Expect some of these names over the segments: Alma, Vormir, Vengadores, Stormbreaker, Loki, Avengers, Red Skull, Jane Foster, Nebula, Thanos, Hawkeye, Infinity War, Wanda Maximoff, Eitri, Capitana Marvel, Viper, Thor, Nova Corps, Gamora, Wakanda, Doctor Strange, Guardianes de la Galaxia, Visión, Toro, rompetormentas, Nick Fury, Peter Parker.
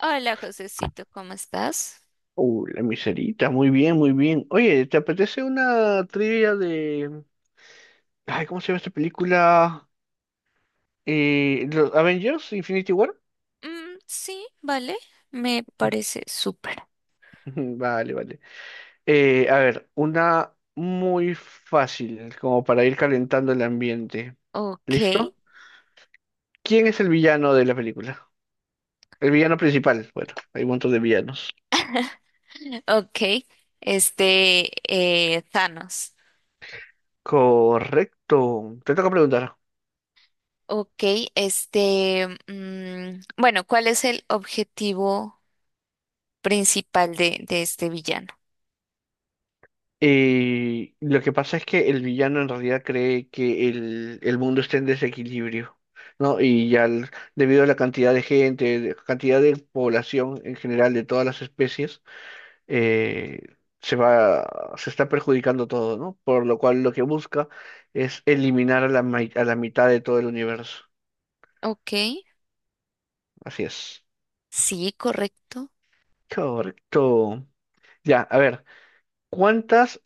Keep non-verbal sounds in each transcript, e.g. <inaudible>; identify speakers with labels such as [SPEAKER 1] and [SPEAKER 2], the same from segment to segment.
[SPEAKER 1] Hola, Josecito, ¿cómo estás?
[SPEAKER 2] La miserita, muy bien, muy bien. Oye, ¿te apetece una trivia de? Ay, ¿cómo se llama esta película? ¿Los Avengers, Infinity War?
[SPEAKER 1] Mm, sí, vale, me
[SPEAKER 2] <laughs>
[SPEAKER 1] parece súper.
[SPEAKER 2] Vale, vale. A ver, una muy fácil, como para ir calentando el ambiente.
[SPEAKER 1] Ok.
[SPEAKER 2] ¿Listo? ¿Quién es el villano de la película? El villano principal. Bueno, hay un montón de villanos.
[SPEAKER 1] <laughs> Ok, este, Thanos.
[SPEAKER 2] Correcto. Te toca preguntar.
[SPEAKER 1] Ok, bueno, ¿cuál es el objetivo principal de este villano?
[SPEAKER 2] Lo que pasa es que el villano en realidad cree que el mundo está en desequilibrio, ¿no? Y ya, debido a la cantidad de gente, cantidad de población en general de todas las especies, eh, se va, se está perjudicando todo, ¿no? Por lo cual lo que busca es eliminar a la mitad de todo el universo.
[SPEAKER 1] Ok,
[SPEAKER 2] Así es.
[SPEAKER 1] sí, correcto.
[SPEAKER 2] Correcto. Ya, a ver, ¿cuántas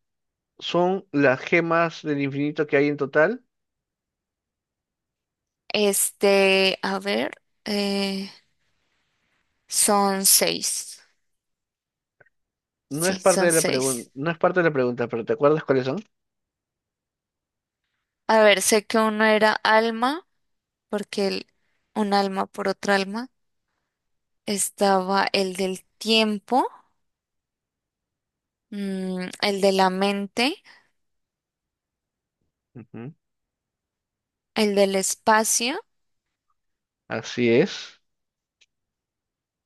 [SPEAKER 2] son las gemas del infinito que hay en total?
[SPEAKER 1] A ver, eh, son seis.
[SPEAKER 2] No
[SPEAKER 1] Sí,
[SPEAKER 2] es parte
[SPEAKER 1] son
[SPEAKER 2] de la
[SPEAKER 1] seis.
[SPEAKER 2] pregunta, no es parte de la pregunta, pero ¿te acuerdas cuáles son?
[SPEAKER 1] A ver, sé que uno era Alma, porque un alma por otra alma, estaba el del tiempo, el de la mente,
[SPEAKER 2] Ujú.
[SPEAKER 1] el del espacio.
[SPEAKER 2] Así es.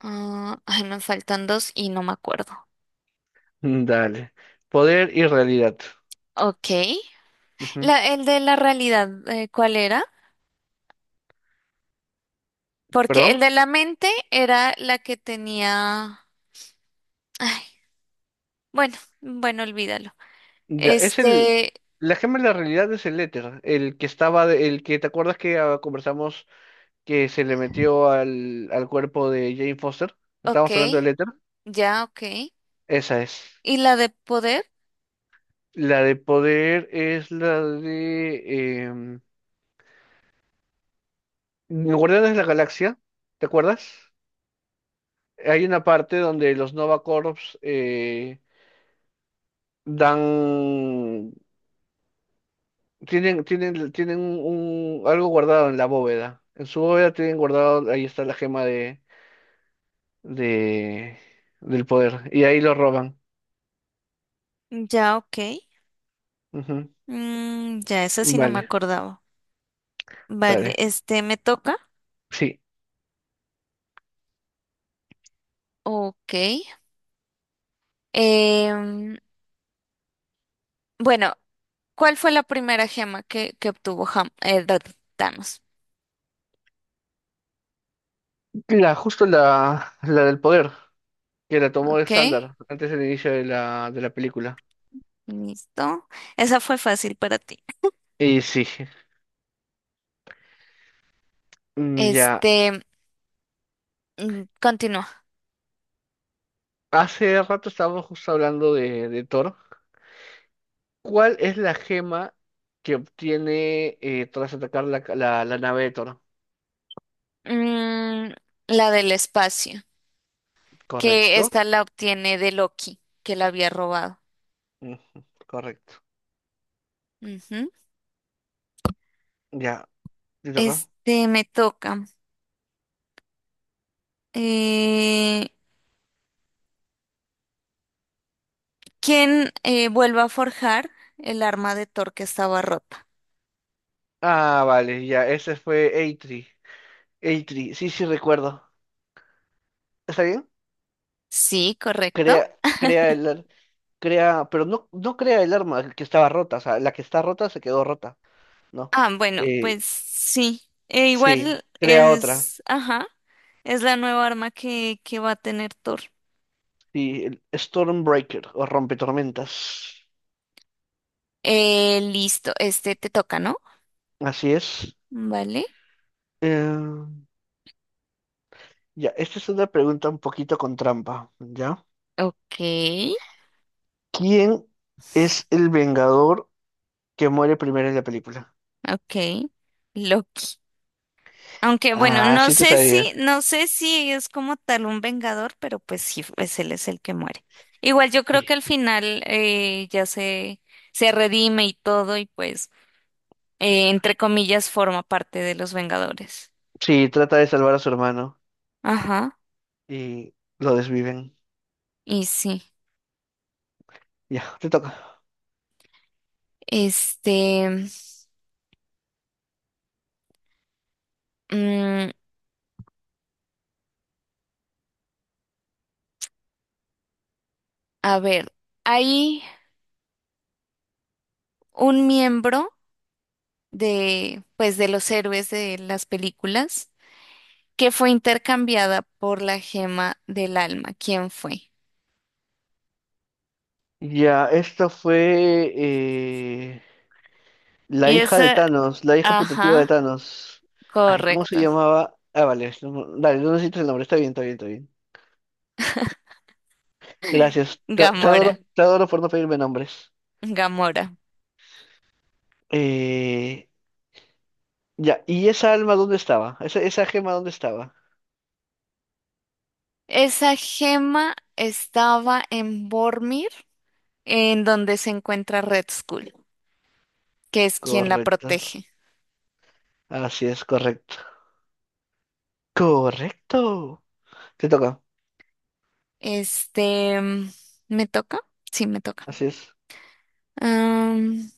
[SPEAKER 1] Ah, ay, me faltan dos y no me acuerdo.
[SPEAKER 2] <laughs> Dale. Poder y realidad.
[SPEAKER 1] Ok.
[SPEAKER 2] Ujú.
[SPEAKER 1] La, el de la realidad, ¿cuál era? Porque
[SPEAKER 2] ¿Perdón?
[SPEAKER 1] el de la mente era la que tenía... Ay, bueno, bueno, olvídalo.
[SPEAKER 2] Ya, es el.
[SPEAKER 1] Este,
[SPEAKER 2] La gema de la realidad es el éter, el que estaba, el que te acuerdas que conversamos que se le metió al cuerpo de Jane Foster.
[SPEAKER 1] ok,
[SPEAKER 2] Estábamos hablando del éter.
[SPEAKER 1] ya, ok.
[SPEAKER 2] Esa es.
[SPEAKER 1] ¿Y la de poder?
[SPEAKER 2] La de poder es la de Guardianes de la Galaxia. ¿Te acuerdas? Hay una parte donde los Nova Corps dan, tienen un, algo guardado en la bóveda. En su bóveda tienen guardado, ahí está la gema de, del poder. Y ahí lo roban.
[SPEAKER 1] Ya, ok.
[SPEAKER 2] Ujú.
[SPEAKER 1] Mm, ya, esa sí no me
[SPEAKER 2] Vale,
[SPEAKER 1] acordaba. Vale,
[SPEAKER 2] dale.
[SPEAKER 1] este me toca.
[SPEAKER 2] Sí,
[SPEAKER 1] Ok. Em, bueno, ¿cuál fue la primera gema que obtuvo Thanos?
[SPEAKER 2] justo la del poder, que la tomó
[SPEAKER 1] Ok,
[SPEAKER 2] Alexander antes del inicio de la película.
[SPEAKER 1] listo. Esa fue fácil para ti.
[SPEAKER 2] Y sí, mm, ya.
[SPEAKER 1] Este, continúa.
[SPEAKER 2] Hace rato estábamos justo hablando de Thor. ¿Cuál es la gema que obtiene tras atacar la nave de Toro?
[SPEAKER 1] Mm, la del espacio, que
[SPEAKER 2] ¿Correcto?
[SPEAKER 1] esta la obtiene de Loki, que la había robado.
[SPEAKER 2] Ujú, correcto.
[SPEAKER 1] Ujú.
[SPEAKER 2] Ya, ¿te toca?
[SPEAKER 1] Este me toca. Eh, ¿Quién vuelve a forjar el arma de Thor que estaba rota?
[SPEAKER 2] Ah, vale, ya, ese fue Eitri. Eitri, sí, sí, recuerdo. ¿Está bien?
[SPEAKER 1] Sí, correcto.
[SPEAKER 2] Crea, crea el, ar- crea, pero no, no crea el arma que estaba rota, o sea, la que está rota se quedó rota, ¿no?
[SPEAKER 1] Ah, bueno,
[SPEAKER 2] Eh,
[SPEAKER 1] pues sí. E
[SPEAKER 2] sí,
[SPEAKER 1] igual
[SPEAKER 2] crea otra.
[SPEAKER 1] es, ajá, es la nueva arma que va a tener Thor.
[SPEAKER 2] Sí, el Stormbreaker o rompetormentas.
[SPEAKER 1] Listo, este te toca, ¿no?
[SPEAKER 2] Así es.
[SPEAKER 1] Vale.
[SPEAKER 2] Eh, Ya, esta es una pregunta un poquito con trampa, ¿ya?
[SPEAKER 1] Ok,
[SPEAKER 2] ¿Quién es el Vengador que muere primero en la película?
[SPEAKER 1] ok. Loki. Aunque bueno,
[SPEAKER 2] Ah,
[SPEAKER 1] no
[SPEAKER 2] sí te
[SPEAKER 1] sé si,
[SPEAKER 2] sabía.
[SPEAKER 1] no sé si es como tal un vengador, pero pues sí, pues él es el que muere. Igual yo creo que al
[SPEAKER 2] Y-
[SPEAKER 1] final ya se redime y todo, y pues, entre comillas, forma parte de los Vengadores.
[SPEAKER 2] Sí, trata de salvar a su hermano
[SPEAKER 1] Ajá,
[SPEAKER 2] y lo desviven.
[SPEAKER 1] y sí.
[SPEAKER 2] Ya, te toca.
[SPEAKER 1] Este, mm, a ver, hay un miembro de, pues, de los héroes de las películas que fue intercambiada por la gema del alma. ¿Quién fue?
[SPEAKER 2] Ya, esta fue la
[SPEAKER 1] Y
[SPEAKER 2] hija de
[SPEAKER 1] esa,
[SPEAKER 2] Thanos, la hija putativa de
[SPEAKER 1] ajá,
[SPEAKER 2] Thanos. Ay, ¿cómo se
[SPEAKER 1] correcto.
[SPEAKER 2] llamaba? Ah, vale, dale, no necesitas el nombre, está bien, está bien, está bien. Gracias, te
[SPEAKER 1] Gamora,
[SPEAKER 2] adoro, te adoro por no pedirme nombres.
[SPEAKER 1] Gamora.
[SPEAKER 2] Eh, Ya, ¿y esa alma dónde estaba? ¿Esa gema dónde estaba?
[SPEAKER 1] Esa gema estaba en Vormir, en donde se encuentra Red Skull, que es quien la
[SPEAKER 2] Correcto.
[SPEAKER 1] protege.
[SPEAKER 2] Así es, correcto. Correcto. Te toca.
[SPEAKER 1] Este, mm, ¿Me toca? Sí, me toca.
[SPEAKER 2] Así es.
[SPEAKER 1] Am,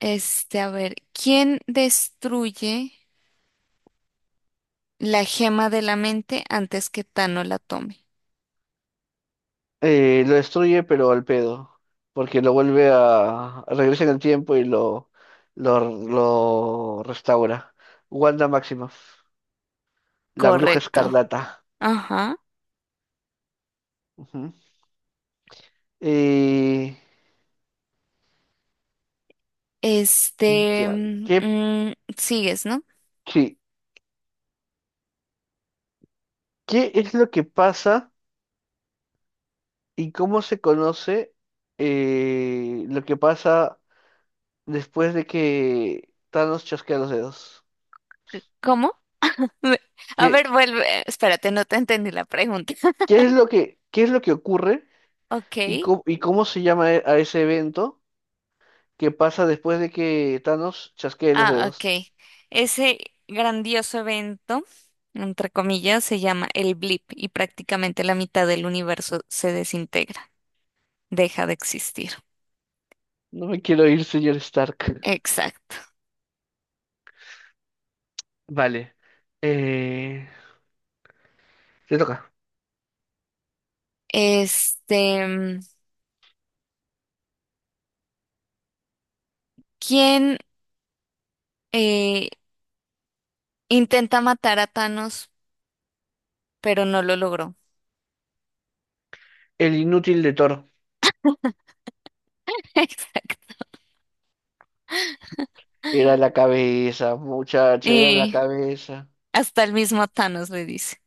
[SPEAKER 1] a ver, ¿quién destruye la gema de la mente antes que Tano la tome?
[SPEAKER 2] Lo destruye, pero al pedo. Porque lo vuelve a. Regresa en el tiempo y lo restaura. Wanda Maximoff. La bruja
[SPEAKER 1] Correcto.
[SPEAKER 2] escarlata.
[SPEAKER 1] Ajá.
[SPEAKER 2] Ujú. Eh, ya, ¿qué,
[SPEAKER 1] Sigues, ¿no?
[SPEAKER 2] sí, ¿Qué es lo que pasa y cómo se conoce lo que pasa después de que Thanos chasquea los dedos.
[SPEAKER 1] C- ¿Cómo? <laughs> Me- A
[SPEAKER 2] ¿Qué,
[SPEAKER 1] ver, vuelve. Espérate, no te entendí la pregunta. <laughs>
[SPEAKER 2] qué es lo que, qué es lo que ocurre y,
[SPEAKER 1] Ok.
[SPEAKER 2] cómo se llama a ese evento que pasa después de que Thanos chasquee los
[SPEAKER 1] Ah,
[SPEAKER 2] dedos?
[SPEAKER 1] ok. Ese grandioso evento, entre comillas, se llama el blip, y prácticamente la mitad del universo se desintegra, deja de existir.
[SPEAKER 2] No me quiero ir, señor Stark.
[SPEAKER 1] Exacto.
[SPEAKER 2] Vale. Eh, te toca.
[SPEAKER 1] Este, mm, ¿Quién eh, intenta matar a Thanos, pero no lo logró?
[SPEAKER 2] El inútil de Thor.
[SPEAKER 1] <laughs> Exacto.
[SPEAKER 2] Era la cabeza, muchacho, era la
[SPEAKER 1] Y
[SPEAKER 2] cabeza.
[SPEAKER 1] hasta el mismo Thanos le dice.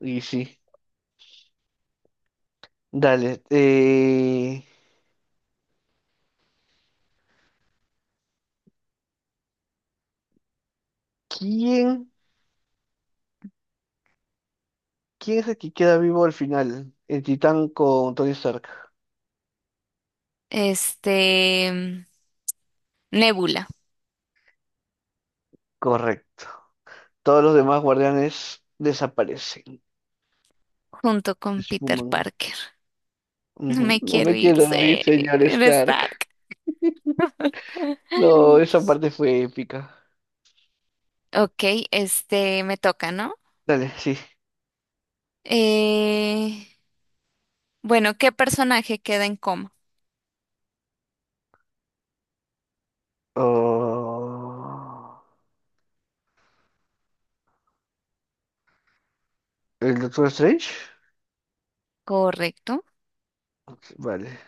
[SPEAKER 2] Y sí. Dale. ¿Quién, quién es el que queda vivo al final? El titán con Tony Stark.
[SPEAKER 1] Este, mm, Nebula,
[SPEAKER 2] Correcto. Todos los demás guardianes desaparecen,
[SPEAKER 1] junto con Peter
[SPEAKER 2] esfuman.
[SPEAKER 1] Parker. <laughs> No
[SPEAKER 2] Ujú.
[SPEAKER 1] me
[SPEAKER 2] No
[SPEAKER 1] quiero
[SPEAKER 2] me
[SPEAKER 1] ir,
[SPEAKER 2] quiero ir,
[SPEAKER 1] sé,
[SPEAKER 2] señor
[SPEAKER 1] eres
[SPEAKER 2] Stark.
[SPEAKER 1] tarde.
[SPEAKER 2] No, esa parte fue épica.
[SPEAKER 1] Ok, este me toca, ¿no?
[SPEAKER 2] Dale, sí.
[SPEAKER 1] Eh, bueno, ¿qué personaje queda en coma?
[SPEAKER 2] Oh, ¿el Doctor Strange?
[SPEAKER 1] Correcto,
[SPEAKER 2] Ok, vale,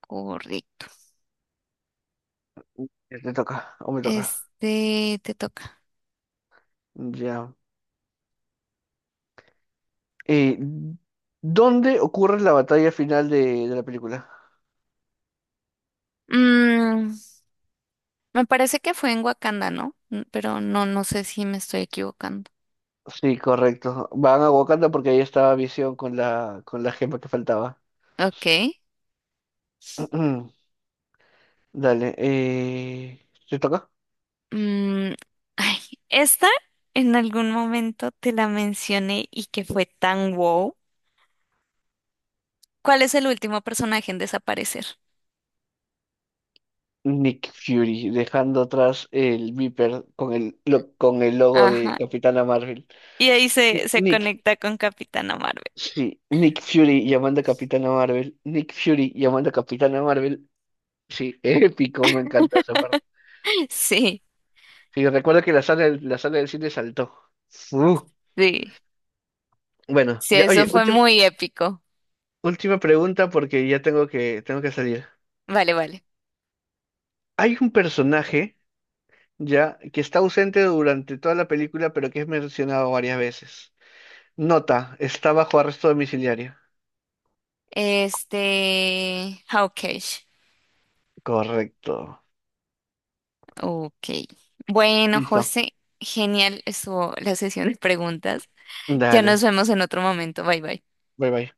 [SPEAKER 1] correcto.
[SPEAKER 2] ya te toca, o me toca.
[SPEAKER 1] Este te toca.
[SPEAKER 2] Ya. Eh, ¿Dónde ocurre la batalla final de la película?
[SPEAKER 1] Mm, me parece que fue en Wakanda, ¿no? Mm, pero no, no sé si me estoy equivocando.
[SPEAKER 2] Sí, correcto. Van a Wakanda porque ahí estaba Visión con la gema que faltaba.
[SPEAKER 1] Ok.
[SPEAKER 2] <clears throat> Dale, ¿te toca?
[SPEAKER 1] Mm, ay, esta en algún momento te la mencioné y que fue tan wow. ¿Cuál es el último personaje en desaparecer?
[SPEAKER 2] Nick Fury, dejando atrás el Viper con el logo de
[SPEAKER 1] Ajá.
[SPEAKER 2] Capitana Marvel.
[SPEAKER 1] Y ahí se, se
[SPEAKER 2] Nick,
[SPEAKER 1] conecta con Capitana Marvel.
[SPEAKER 2] sí, Nick Fury llamando a Capitana Marvel. Nick Fury llamando a Capitana Marvel. Sí, <laughs> épico, me encanta esa parte.
[SPEAKER 1] Sí,
[SPEAKER 2] Sí, recuerdo que la sala del cine saltó. Uh,
[SPEAKER 1] sí,
[SPEAKER 2] bueno,
[SPEAKER 1] sí,
[SPEAKER 2] ya,
[SPEAKER 1] eso
[SPEAKER 2] oye,
[SPEAKER 1] fue
[SPEAKER 2] última,
[SPEAKER 1] muy épico.
[SPEAKER 2] última pregunta porque ya tengo que salir.
[SPEAKER 1] Vale, vale.
[SPEAKER 2] Hay un personaje ya que está ausente durante toda la película, pero que es mencionado varias veces. Nota, está bajo arresto domiciliario.
[SPEAKER 1] Este, Hawkeye.
[SPEAKER 2] Correcto.
[SPEAKER 1] Ok. Ok. Bueno,
[SPEAKER 2] Listo.
[SPEAKER 1] José, genial estuvo la sesión de preguntas. Ya nos
[SPEAKER 2] Dale.
[SPEAKER 1] vemos en otro momento. Bye, bye.
[SPEAKER 2] Bye bye.